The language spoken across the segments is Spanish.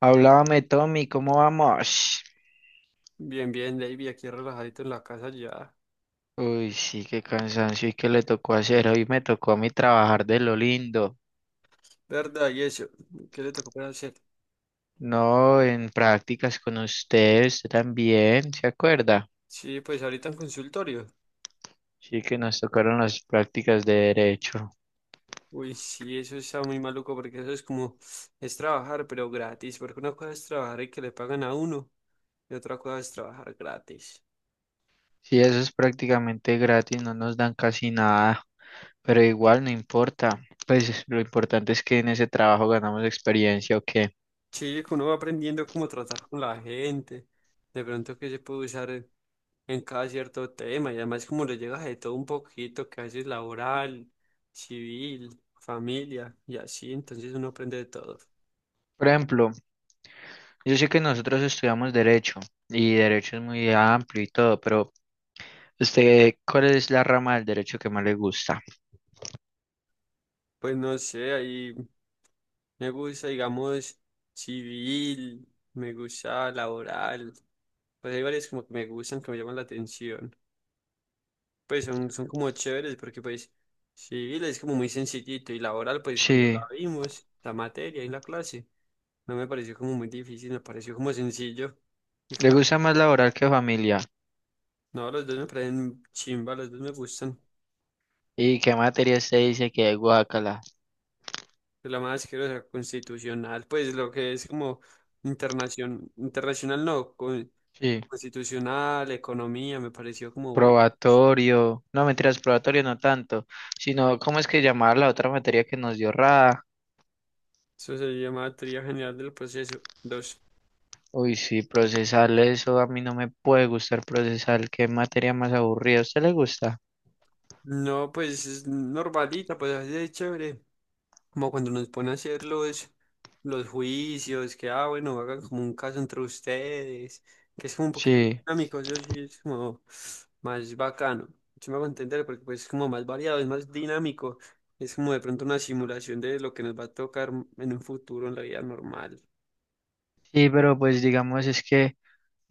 Hablábame, Tommy, ¿cómo vamos? Bien, bien, David, aquí relajadito en la casa ya. Uy, sí, qué cansancio y qué le tocó hacer. Hoy me tocó a mí trabajar de lo lindo. ¿Verdad? ¿Y eso? ¿Qué le tocó para hacer? No, en prácticas con usted, usted también, ¿se acuerda? Sí, pues ahorita en consultorio. Sí, que nos tocaron las prácticas de derecho. Uy, sí, eso está muy maluco porque eso es como, es trabajar, pero gratis, porque una cosa es trabajar y que le pagan a uno, y otra cosa es trabajar gratis. Sí, eso es prácticamente gratis, no nos dan casi nada, pero igual no importa. Pues lo importante es que en ese trabajo ganamos experiencia o qué. Sí, que uno va aprendiendo cómo tratar con la gente, de pronto que se puede usar en cada cierto tema, y además como le llegas de todo un poquito, que a veces laboral, civil, familia, y así, entonces uno aprende de todo. Por ejemplo, yo sé que nosotros estudiamos derecho y derecho es muy amplio y todo, pero usted, ¿cuál es la rama del derecho que más le gusta? Pues no sé, ahí me gusta, digamos, civil, me gusta laboral, pues hay varias como que me gustan, que me llaman la atención. Pues son, son como chéveres porque pues civil es como muy sencillito y laboral pues cuando la Sí, vimos, la materia y la clase, no me pareció como muy difícil, me pareció como sencillo. Y le como, gusta más laboral que familia. no, los dos me parecen chimba, los dos me gustan. ¿Y qué materia usted dice que es guácala? Pero la más asquerosa, constitucional, pues lo que es como internacional, internacional no, con Sí, constitucional, economía, me pareció como, uy, probatorio. No, mentiras, probatorio no tanto, sino ¿cómo es que llamar la otra materia que nos dio Rada? eso se llama teoría general del proceso. Dos. Uy, sí, procesal, eso a mí no me puede gustar procesal. ¿Qué materia más aburrida? ¿A usted le gusta? No, pues es normalita, pues así de chévere. Como cuando nos ponen a hacer los juicios, que, ah, bueno, hagan como un caso entre ustedes, que es como un poquito más Sí. dinámico, eso sí es como más bacano. Yo me hago entender porque pues es como más variado, es más dinámico. Es como de pronto una simulación de lo que nos va a tocar en un futuro en la vida normal. Sí, pero pues digamos es que,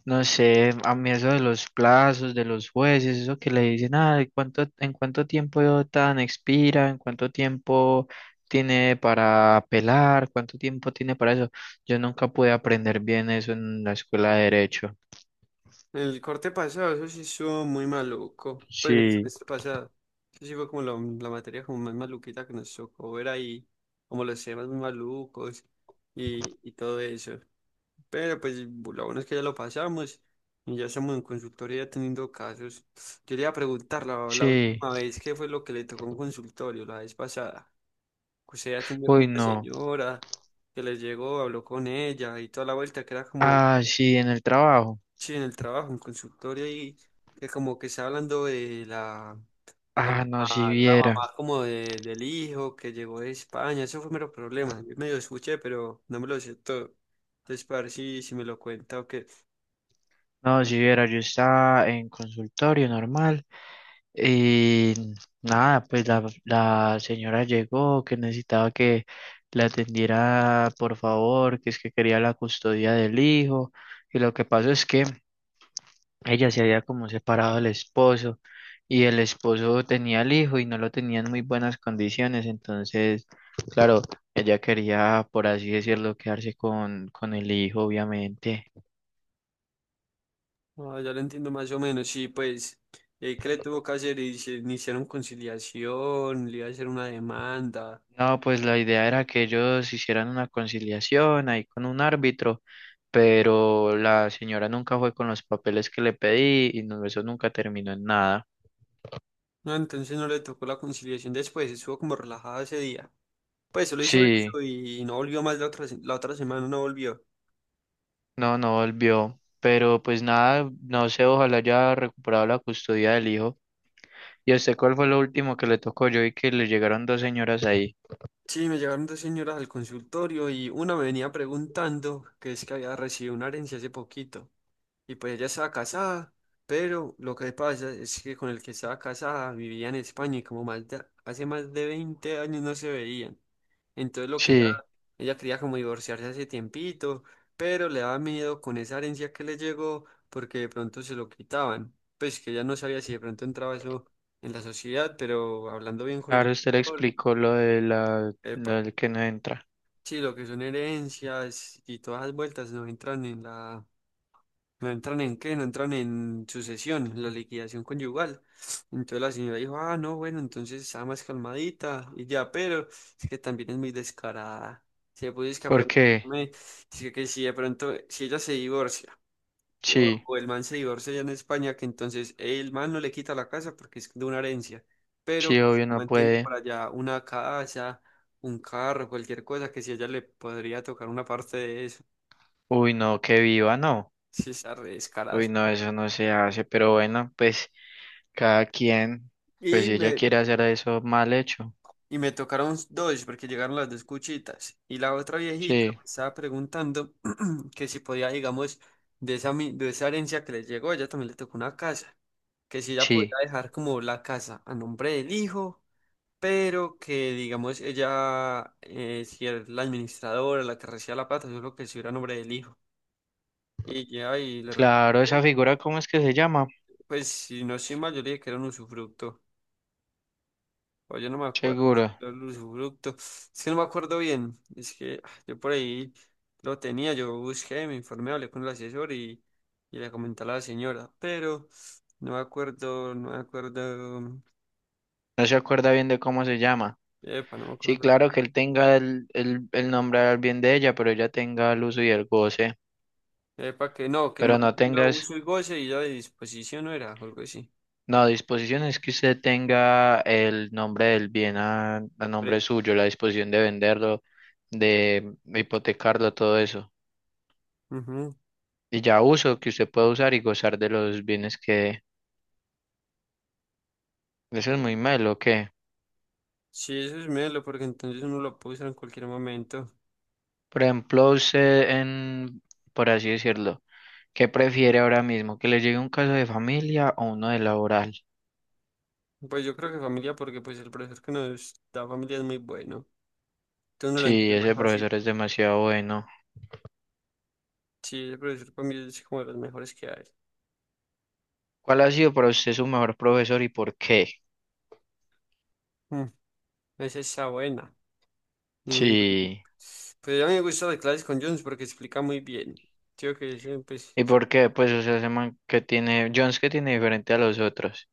no sé, a mí eso de los plazos, de los jueces, eso que le dicen, ah, en cuánto tiempo tan expira? ¿En cuánto tiempo tiene para apelar? ¿Cuánto tiempo tiene para eso? Yo nunca pude aprender bien eso en la escuela de derecho. El corte pasado, eso sí estuvo muy maluco. Pues el Sí, semestre pasado. Eso sí fue como la materia como más maluquita que nos tocó ver ahí. Como los temas muy malucos y todo eso. Pero pues lo bueno es que ya lo pasamos. Y ya estamos en consultoría teniendo casos. Yo le iba a preguntar la, la sí, última vez qué fue lo que le tocó en consultorio, la vez pasada. Que usted atendió con uy, una no. señora que les llegó, habló con ella y toda la vuelta que era como Ah, sí, en el trabajo. sí, en el trabajo, en consultorio, y que como que está hablando de la, la Ah, no, si la viera. mamá como de, del hijo que llegó de España, eso fue mero problema. Yo medio escuché, pero no me lo sé todo. Entonces, para ver si, si me lo cuenta o qué. No, si viera, yo estaba en consultorio normal. Y nada, pues la señora llegó, que necesitaba que la atendiera, por favor, que es que quería la custodia del hijo. Y lo que pasó es que ella se había como separado del esposo y el esposo tenía el hijo y no lo tenía en muy buenas condiciones. Entonces, claro, ella quería, por así decirlo, quedarse con el hijo, obviamente. No, ya lo entiendo más o menos. Sí, pues, ¿qué le tuvo que hacer? Y se iniciaron conciliación, le iba a hacer una demanda. No, pues la idea era que ellos hicieran una conciliación ahí con un árbitro, pero la señora nunca fue con los papeles que le pedí y no, eso nunca terminó en nada. No, entonces no le tocó la conciliación después, estuvo como relajada ese día. Pues, solo hizo Sí, eso y no volvió más la otra, se- la otra semana, no volvió. no, no volvió, pero pues nada, no sé, ojalá haya recuperado la custodia del hijo. ¿Y a usted cuál fue lo último que le tocó? Yo vi que le llegaron dos señoras ahí. Sí, me llegaron dos señoras al consultorio y una me venía preguntando que es que había recibido una herencia hace poquito. Y pues ella estaba casada, pero lo que pasa es que con el que estaba casada vivía en España y como más de- hace más de 20 años no se veían. Entonces lo que ella, Sí, ella quería como divorciarse hace tiempito, pero le daba miedo con esa herencia que le llegó porque de pronto se lo quitaban. Pues que ella no sabía si de pronto entraba eso en la sociedad, pero hablando bien con el claro, usted le doctor. explicó lo de la, lo del que no entra. Sí, lo que son herencias y todas las vueltas no entran en la, no entran en qué, no entran en sucesión, en la liquidación conyugal. Entonces la señora dijo, ah, no, bueno, entonces está más calmadita y ya, pero es que también es muy descarada. Si le pudiese que a ¿Por qué? preguntarme, dice que si de pronto, si ella se divorcia y- O, Sí, o el man se divorcia ya en España, que entonces el man no le quita la casa porque es de una herencia, pero sí, que si obvio no mantiene puede. por allá una casa, un carro, cualquier cosa, que si a ella le podría tocar una parte de eso, Uy, no, que viva, no. si está re descarada. Uy, no, eso no se hace, pero bueno, pues cada quien, pues Y si ella me, quiere hacer eso mal hecho. y me tocaron dos, porque llegaron las dos cuchitas. Y la otra viejita Sí, me estaba preguntando que si podía, digamos, de esa, mi- de esa herencia que les llegó, ella también le tocó una casa, que si ella podía sí. dejar como la casa a nombre del hijo pero que digamos ella si era la administradora, la que recibía la plata, yo creo que si era nombre del hijo. Y ya, y le Claro, respondía, esa figura, ¿cómo es que se llama? pues si no soy mal, yo le dije que era un usufructo. O yo no me acuerdo si Seguro. era un usufructo. Es que no me acuerdo bien. Es que yo por ahí lo tenía, yo busqué, me informé, hablé con el asesor y le comenté a la señora, pero no me acuerdo, no me acuerdo. No se acuerda bien de cómo se llama. Epa, no me Sí, acuerdo. claro que él tenga el nombre al bien de ella, pero ella tenga el uso y el goce. Epa, que no, que el Pero man no tenga tengas, uso y goce y ya de disposición no era, o algo así. no, disposición es que usted tenga el nombre del bien a nombre Pre- suyo, la disposición de venderlo, de hipotecarlo, todo eso. Ujú. Y ya uso que usted puede usar y gozar de los bienes que eso es muy malo que, Sí, eso es melo, porque entonces uno lo puede usar en cualquier momento. por ejemplo, usted en, por así decirlo, ¿qué prefiere ahora mismo que le llegue un caso de familia o uno de laboral? Pues yo creo que familia, porque pues el profesor que nos da familia es muy bueno. Entonces uno lo Sí, entiende más ese fácil. profesor es demasiado bueno. Sí, el profesor para mí es como de los mejores que hay. ¿Cuál ha sido para usted su mejor profesor y por qué? Mm. Esa está buena. Mm. Sí. Pues a mí me gusta las clases con Jones porque explica muy bien. Creo que ese, pues, ¿Y por qué? Pues o sea, ese man que tiene Jones que tiene diferente a los otros.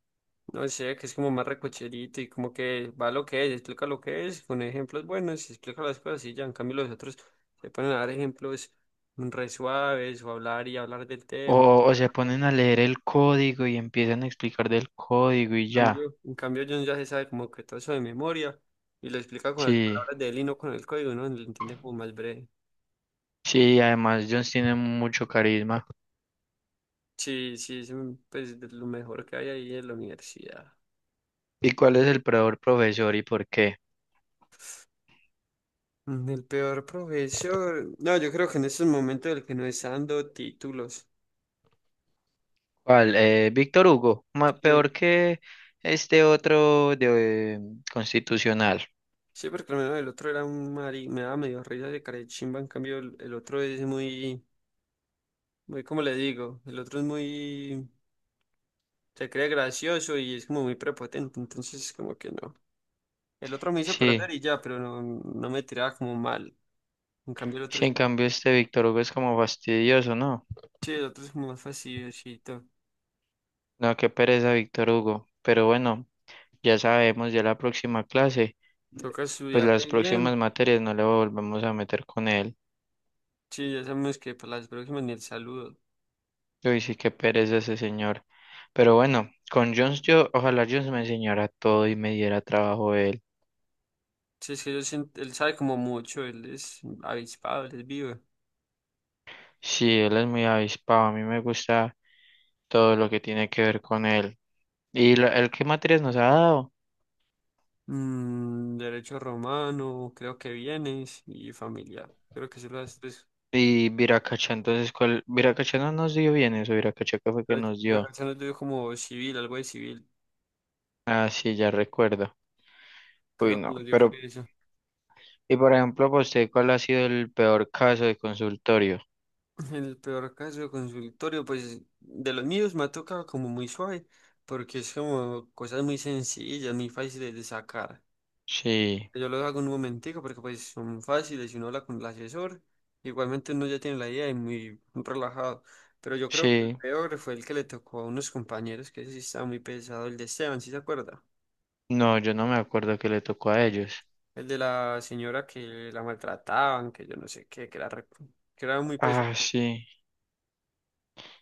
no sé, que es como más recocherito y como que va lo que es, explica lo que es, con ejemplos buenos, explica las cosas y ya, en cambio los otros se ponen a dar ejemplos re suaves o hablar y hablar del tema. O se En ponen a leer el código y empiezan a explicar del código y ya. en cambio John ya se sabe como que todo eso de memoria y lo explica con las Sí. palabras de él y no con el código, ¿no? Lo entiende como más breve. Sí, además Jones tiene mucho carisma. Sí, sí, es un- pues de lo mejor que hay ahí en la universidad. ¿Y cuál es el peor profesor y por qué? Mm, el peor profesor, no, yo creo que en estos momentos el que no está dando títulos. ¿Cuál? Víctor Hugo, ma- Sí. peor que este otro de constitucional. Sí, porque al menos el otro era un mari, me daba medio risa de carechimba, en cambio el otro es muy, muy, como le digo, el otro es muy, se cree gracioso y es como muy prepotente, entonces como que no. El otro me hizo Sí, perder y ya, pero no, no me tiraba como mal. En cambio el otro, sí, es- en cambio este Víctor Hugo es como fastidioso, ¿no? sí, el otro es como más facilito. No, qué pereza Víctor Hugo. Pero bueno, ya sabemos, ya la próxima clase, Toca pues estudiar las re bien, próximas materias no le volvemos a meter con él. sí, ya sabemos que para las próximas ni el saludo. Uy, sí, qué pereza ese señor. Pero bueno, con Jones yo, ojalá Jones me enseñara todo y me diera trabajo él. Sí, es que yo siento- él sabe como mucho, él es avispado, él es vivo. Sí, él es muy avispado. A mí me gusta todo lo que tiene que ver con él. ¿Y lo- él qué materias nos ha dado? Mm, derecho romano, creo que bienes y familia. Creo que se las, pues, Y Viracacha, entonces, ¿cuál? Viracacha no nos dio bien eso. Viracacha que fue que la nos la dio. canción nos dio como civil, algo de civil. Ah, sí, ya recuerdo. Uy, Creo que no. nos dio fue Pero, eso. y por ejemplo, para usted, ¿cuál ha sido el peor caso de consultorio? En el peor caso, consultorio, pues de los míos me ha tocado como muy suave, porque es como cosas muy sencillas, muy fáciles de sacar. Sí, Yo lo hago en un momentico porque pues son fáciles y uno habla con el asesor. Igualmente uno ya tiene la idea y muy relajado. Pero yo creo que el sí. peor fue el que le tocó a unos compañeros, que ese sí estaba muy pesado, el de Esteban, ¿sí se acuerda? No, yo no me acuerdo que le tocó a ellos. El de la señora que la maltrataban, que yo no sé qué, que era, re- que era muy Ah, pesado. sí.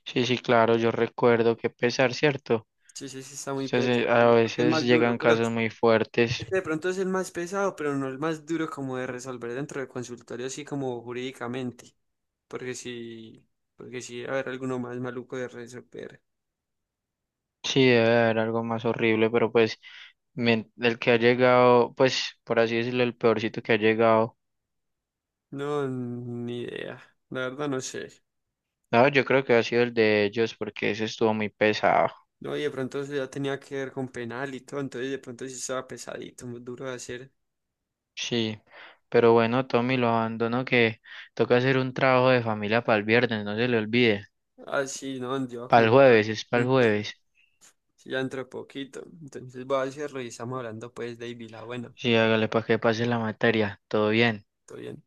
Sí, sí, claro, yo recuerdo que pesar, ¿cierto? Sí, sí, sí, está muy pesado. Entonces, a Yo creo que es veces más duro, llegan pero casos muy fuertes. ese de pronto es el más pesado, pero no el más duro como de resolver dentro del consultorio, así como jurídicamente. Porque si porque sí, a ver, alguno más maluco de resolver. Sí, debe de haber algo más horrible, pero pues men- el que ha llegado, pues por así decirlo, el peorcito que ha llegado. No, ni idea. La verdad no sé. No, yo creo que ha sido el de ellos porque ese estuvo muy pesado. No, y de pronto eso ya tenía que ver con penal y todo, entonces de pronto sí estaba pesadito, muy duro de hacer. Sí, pero bueno, Tommy, lo abandono que toca hacer un trabajo de familia para el viernes, no se le olvide. Así, no, yo voy a Para el comentar. jueves, es para el Entonces, jueves. ya dentro de poquito. Entonces voy a ver si revisamos hablando pues, David, la buena. Sí, hágale para que pase la materia. Todo bien. Todo bien.